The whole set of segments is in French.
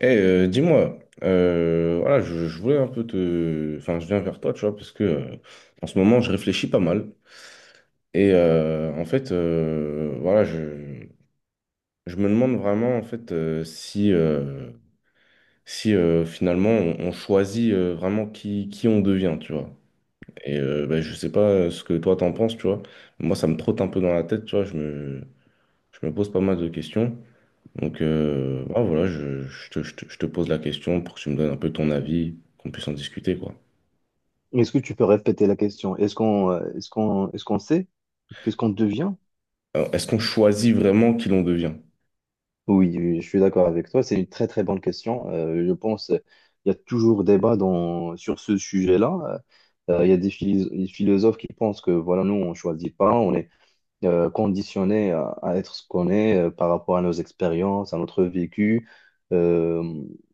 Dis-moi, voilà, je voulais un peu te... Enfin, je viens vers toi, tu vois, parce que en ce moment, je réfléchis pas mal. Et en fait, voilà, je me demande vraiment, en fait, si, si finalement, on choisit vraiment qui on devient, tu vois. Et ben, je sais pas ce que toi, t'en penses, tu vois. Moi, ça me trotte un peu dans la tête, tu vois. Je me pose pas mal de questions. Donc, voilà, je te pose la question pour que tu me donnes un peu ton avis, qu'on puisse en discuter, quoi. Est-ce que tu peux répéter la question? Est-ce qu'on sait qu'est-ce qu'on devient? Alors, est-ce qu'on choisit vraiment qui l'on devient? Oui, oui, je suis d'accord avec toi. C'est une très très bonne question. Je pense il y a toujours débat dans sur ce sujet-là. Il y a des philosophes qui pensent que voilà, nous on choisit pas, on est conditionné à être ce qu'on est par rapport à nos expériences, à notre vécu. Euh,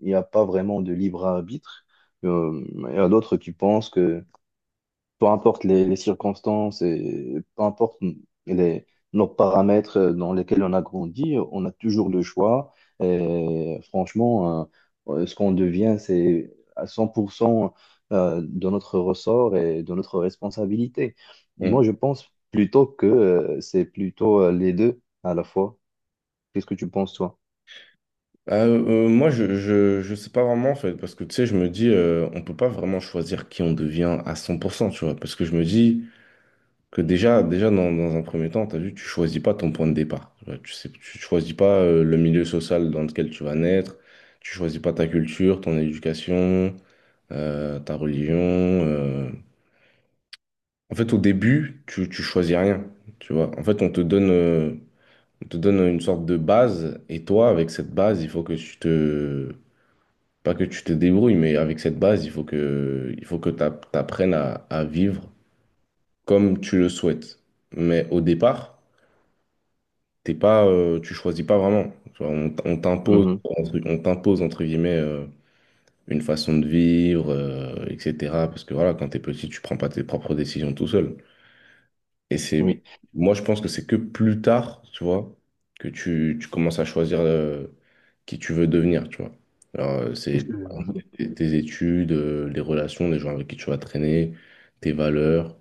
il n'y a pas vraiment de libre arbitre. Euh, il y a d'autres qui pensent que peu importe les circonstances et peu importe les, nos paramètres dans lesquels on a grandi, on a toujours le choix. Et franchement, ce qu'on devient, c'est à 100% de notre ressort et de notre responsabilité. Hmm. Moi, je pense plutôt que c'est plutôt les deux à la fois. Qu'est-ce que tu penses, toi? Moi, je sais pas vraiment, en fait, parce que, tu sais, je me dis, on peut pas vraiment choisir qui on devient à 100%, tu vois, parce que je me dis que dans un premier temps, t'as vu, tu choisis pas ton point de départ, tu vois, tu sais, tu choisis pas le milieu social dans lequel tu vas naître, tu choisis pas ta culture, ton éducation, ta religion, en fait, au début, tu choisis rien, tu vois. En fait, on te donne une sorte de base, et toi, avec cette base, il faut que pas que tu te débrouilles, mais avec cette base, il faut que t'apprennes à vivre comme tu le souhaites. Mais au départ, t'es pas, tu choisis pas vraiment. Tu vois, Mhm. On t'impose entre guillemets une façon de vivre, etc. Parce que voilà, quand t'es petit, tu prends pas tes propres décisions tout seul. Et c'est, Oui, moi, je pense que c'est que plus tard, tu vois, que tu commences à choisir qui tu veux devenir, tu vois. Alors, c'est je, tes études, les relations, les gens avec qui tu vas traîner, tes valeurs,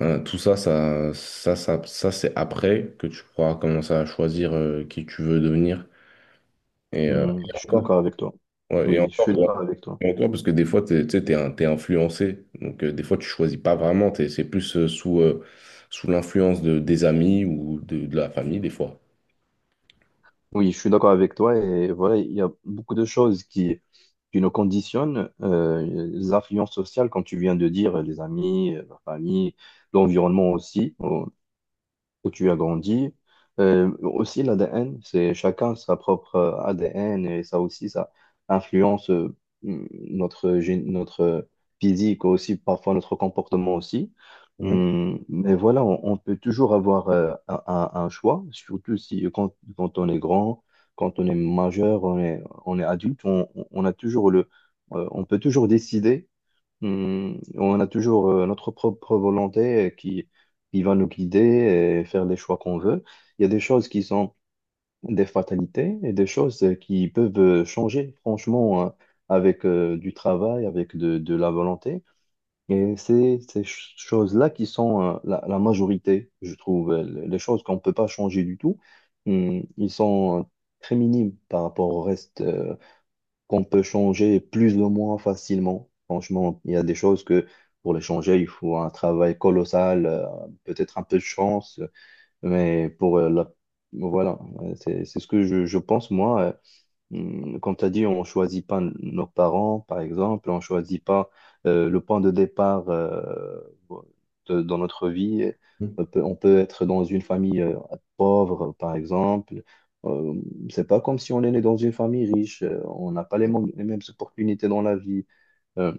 hein, tout ça, c'est après que tu pourras commencer à choisir qui tu veux devenir. Mhm. Et Je suis encore, d'accord avec toi. ouais, et Oui, je encore, suis d'accord avec toi. d'accord, parce que des fois, tu sais, t'es influencé. Donc, des fois, tu choisis pas vraiment. C'est plus sous l'influence des amis ou de la famille, des fois. Oui, je suis d'accord avec toi et voilà, il y a beaucoup de choses qui nous conditionnent, les influences sociales, comme tu viens de dire, les amis, la famille, l'environnement aussi où tu as grandi. Aussi, l'ADN, c'est chacun sa propre ADN et ça aussi, ça influence mm, notre, notre physique aussi, parfois notre comportement aussi. Mhm. Mm, mais voilà, on peut toujours avoir un, un choix, surtout si quand, quand on est grand, quand on est majeur, on est adulte, on a toujours le, on peut toujours décider. Hmm, on a toujours notre propre volonté qui va nous guider et faire les choix qu'on veut. Il y a des choses qui sont des fatalités et des choses qui peuvent changer, franchement, avec du travail, avec de la volonté. Et c'est ces choses-là qui sont la majorité, je trouve. Les choses qu'on ne peut pas changer du tout, hmm, ils sont très minimes par rapport au reste, qu'on peut changer plus ou moins facilement. Franchement, il y a des choses que pour les changer, il faut un travail colossal, peut-être un peu de chance, mais pour la... Voilà, ouais, c'est ce que je pense, moi. Comme tu as dit, on choisit pas nos parents, par exemple, on choisit pas le point de départ dans notre vie. Mhm. On peut être dans une famille pauvre, par exemple. Euh, c'est pas comme si on est né dans une famille riche. On n'a pas les mêmes opportunités dans la vie. Euh,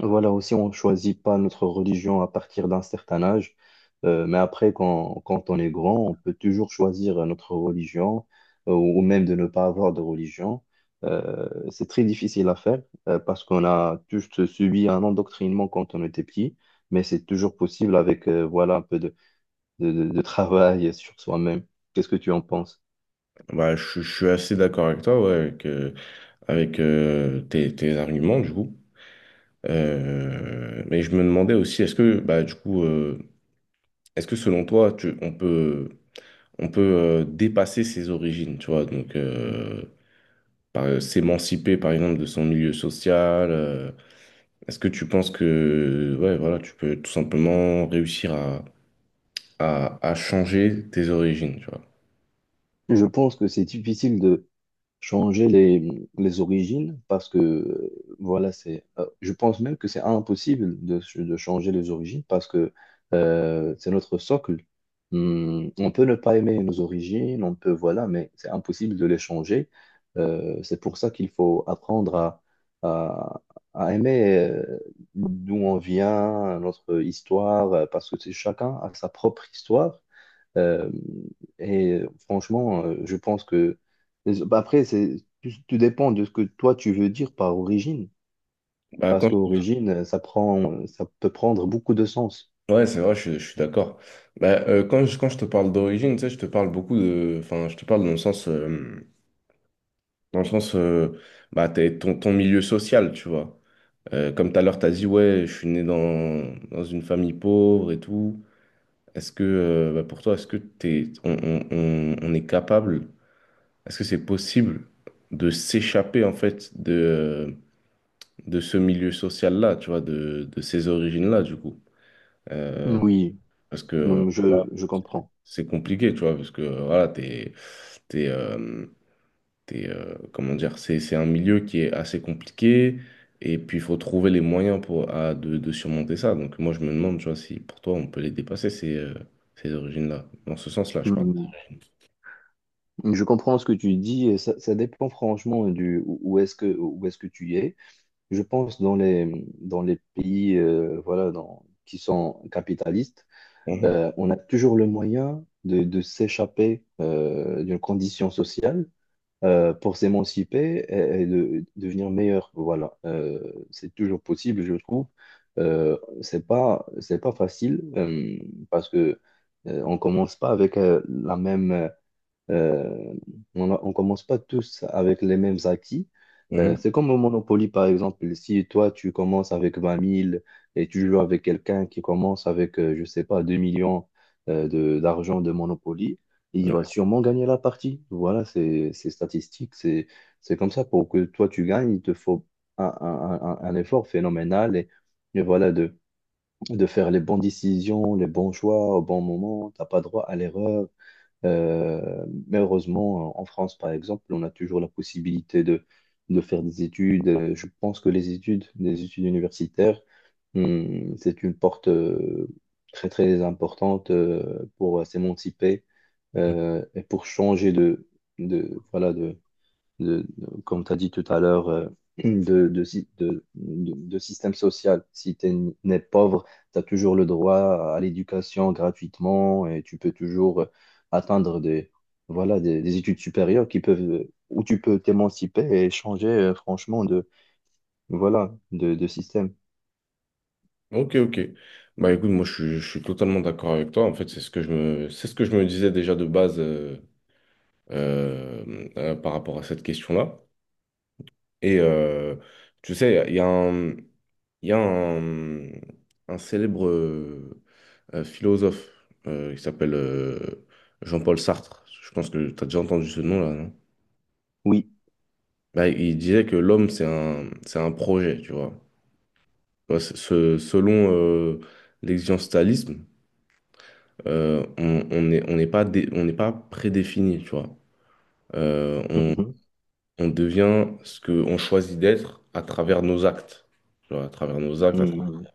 voilà, aussi, on ne choisit pas notre religion à partir d'un certain âge. Mais après, quand, quand on est grand, on peut toujours choisir notre religion, ou même de ne pas avoir de religion. C'est très difficile à faire, parce qu'on a tous subi un endoctrinement quand on était petit, mais c'est toujours possible avec, voilà, un peu de travail sur soi-même. Qu'est-ce que tu en penses? Bah, je suis assez d'accord avec toi, ouais, avec, tes arguments, du coup. Mais je me demandais aussi, est-ce que, bah, du coup, est-ce que selon toi, on peut. On peut dépasser ses origines, tu vois. Donc, s'émanciper, par exemple, de son milieu social. Est-ce que tu penses que, ouais, voilà, tu peux tout simplement réussir à changer tes origines, tu vois. Je pense que c'est difficile de changer les origines parce que voilà, c'est, je pense même que c'est impossible de changer les origines parce que c'est notre socle. Hmm, on peut ne pas aimer nos origines, on peut, voilà, mais c'est impossible de les changer. C'est pour ça qu'il faut apprendre à, à aimer d'où on vient, notre histoire, parce que c'est- chacun a sa propre histoire. Euh, et franchement, je pense que... Bah, après, c'est... Tout, tout dépend de ce que toi, tu veux dire par origine. Bah, Parce quand... qu'origine, ça peut prendre beaucoup de sens. Ouais, c'est vrai, je suis d'accord. Bah, quand je te parle d'origine, tu sais, je te parle beaucoup de... Enfin, je te parle dans le sens... bah, ton milieu social, tu vois. Comme tout à l'heure, t'as dit, ouais, je suis né dans une famille pauvre et tout. Est-ce que bah, pour toi, est-ce que t'es, on est capable, est-ce que c'est possible de s'échapper en fait de ce milieu social-là, tu vois, de ces origines-là, du coup? Euh, Mm. Oui, parce que mm, je comprends. c'est compliqué, tu vois, parce que voilà, t'es, euh, t'es, comment dire, c'est un milieu qui est assez compliqué, et puis il faut trouver les moyens pour, de surmonter ça. Donc moi, je me demande, tu vois, si pour toi, on peut les dépasser, ces origines-là, dans ce sens-là, je parle. Mm, je comprends ce que tu dis. Et ça dépend franchement du où est-ce que tu es. Je pense dans dans les pays voilà, dans, qui sont capitalistes, Mhm, on a toujours le moyen de s'échapper d'une condition sociale pour s'émanciper et de, devenir meilleur. Voilà. C'est toujours possible, je trouve. Euh, c'est pas, c'est pas facile parce que on commence pas avec la même. Euh, on ne commence pas tous avec les mêmes acquis. Mhm. C'est comme au Monopoly, par exemple. Si toi, tu commences avec 20 000 et tu joues avec quelqu'un qui commence avec, je sais pas, 2 millions d'argent de Monopoly, il va sûrement gagner la partie. Voilà, c'est statistique. C'est comme ça. Pour que toi, tu gagnes, il te faut un, un effort phénoménal et voilà, de faire les bonnes décisions, les bons choix au bon moment. T'as pas droit à l'erreur. Mais heureusement, en France, par exemple, on a toujours la possibilité de faire des études. Je pense que les études universitaires, c'est une porte très, très importante pour s'émanciper et pour changer voilà, comme tu as dit tout à l'heure, de, sy- de système social. Si tu n'es pauvre, tu as toujours le droit à l'éducation gratuitement et tu peux toujours atteindre des, voilà, des études supérieures qui peuvent, où tu peux t'émanciper et changer franchement de, voilà, de système. Ok, ok. Bah écoute, je suis totalement d'accord avec toi. En fait, c'est ce que je me disais déjà de base par rapport à cette question-là. Et tu sais, il y a un, il y a un célèbre philosophe qui s'appelle Jean-Paul Sartre. Je pense que tu as déjà entendu ce nom-là, non? Oui. Bah, il disait que l'homme, c'est un projet, tu vois. Ouais, selon l'existentialisme, on n'est pas, on n'est pas prédéfini, tu vois. Euh, on, Mhm. on devient ce qu'on choisit d'être à travers nos actes, tu vois, à travers nos actes, à travers Mhm.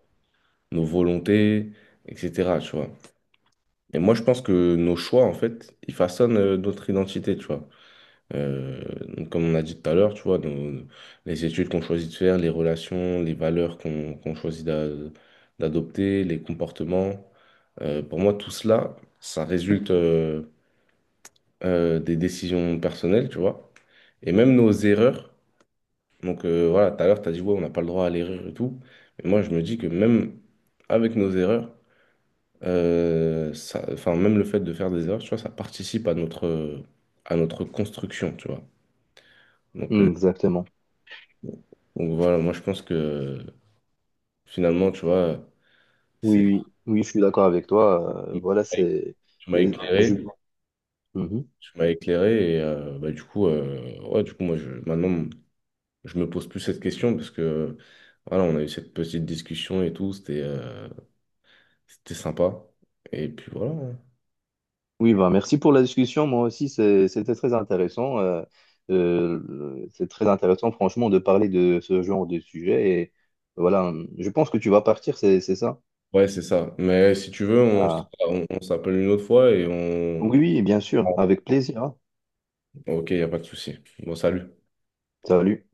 nos volontés, etc., tu vois. Et moi, je pense que nos choix, en fait, ils façonnent notre identité, tu vois. Euh, donc, comme on a dit tout à l'heure, tu vois, nos- les études qu'on choisit de faire, les relations, les valeurs qu'on choisit d'adopter, les comportements, pour moi, tout cela, ça résulte... des décisions personnelles, tu vois, et même nos erreurs. Donc voilà, tout à l'heure, tu as dit, ouais, on n'a pas le droit à l'erreur et tout. Mais moi, je me dis que même avec nos erreurs, ça, enfin, même le fait de faire des erreurs, tu vois, ça participe à notre construction, tu vois. Donc, euh, Mhm. Exactement. donc voilà, moi, je pense que finalement, tu vois, c'est, Oui, oui, oui, je suis d'accord avec toi. Voilà, c'est. tu m'as Et éclairé, je... Mhm. tu m'as éclairé, et bah, du coup, moi, maintenant, je me pose plus cette question parce que voilà, on a eu cette petite discussion et tout, c'était c'était sympa. Et puis voilà, hein. Oui, bah, merci pour la discussion. Moi aussi, c'était très intéressant. C'est très intéressant, franchement, de parler de ce genre de sujet. Et voilà, je pense que tu vas partir, c'est ça? Ouais, c'est ça. Mais si tu veux, Ah, on s'appelle une autre fois et on... oui, oui, bien sûr, avec plaisir. Hein. Ok, il n'y a pas de souci. Bon, salut. Salut.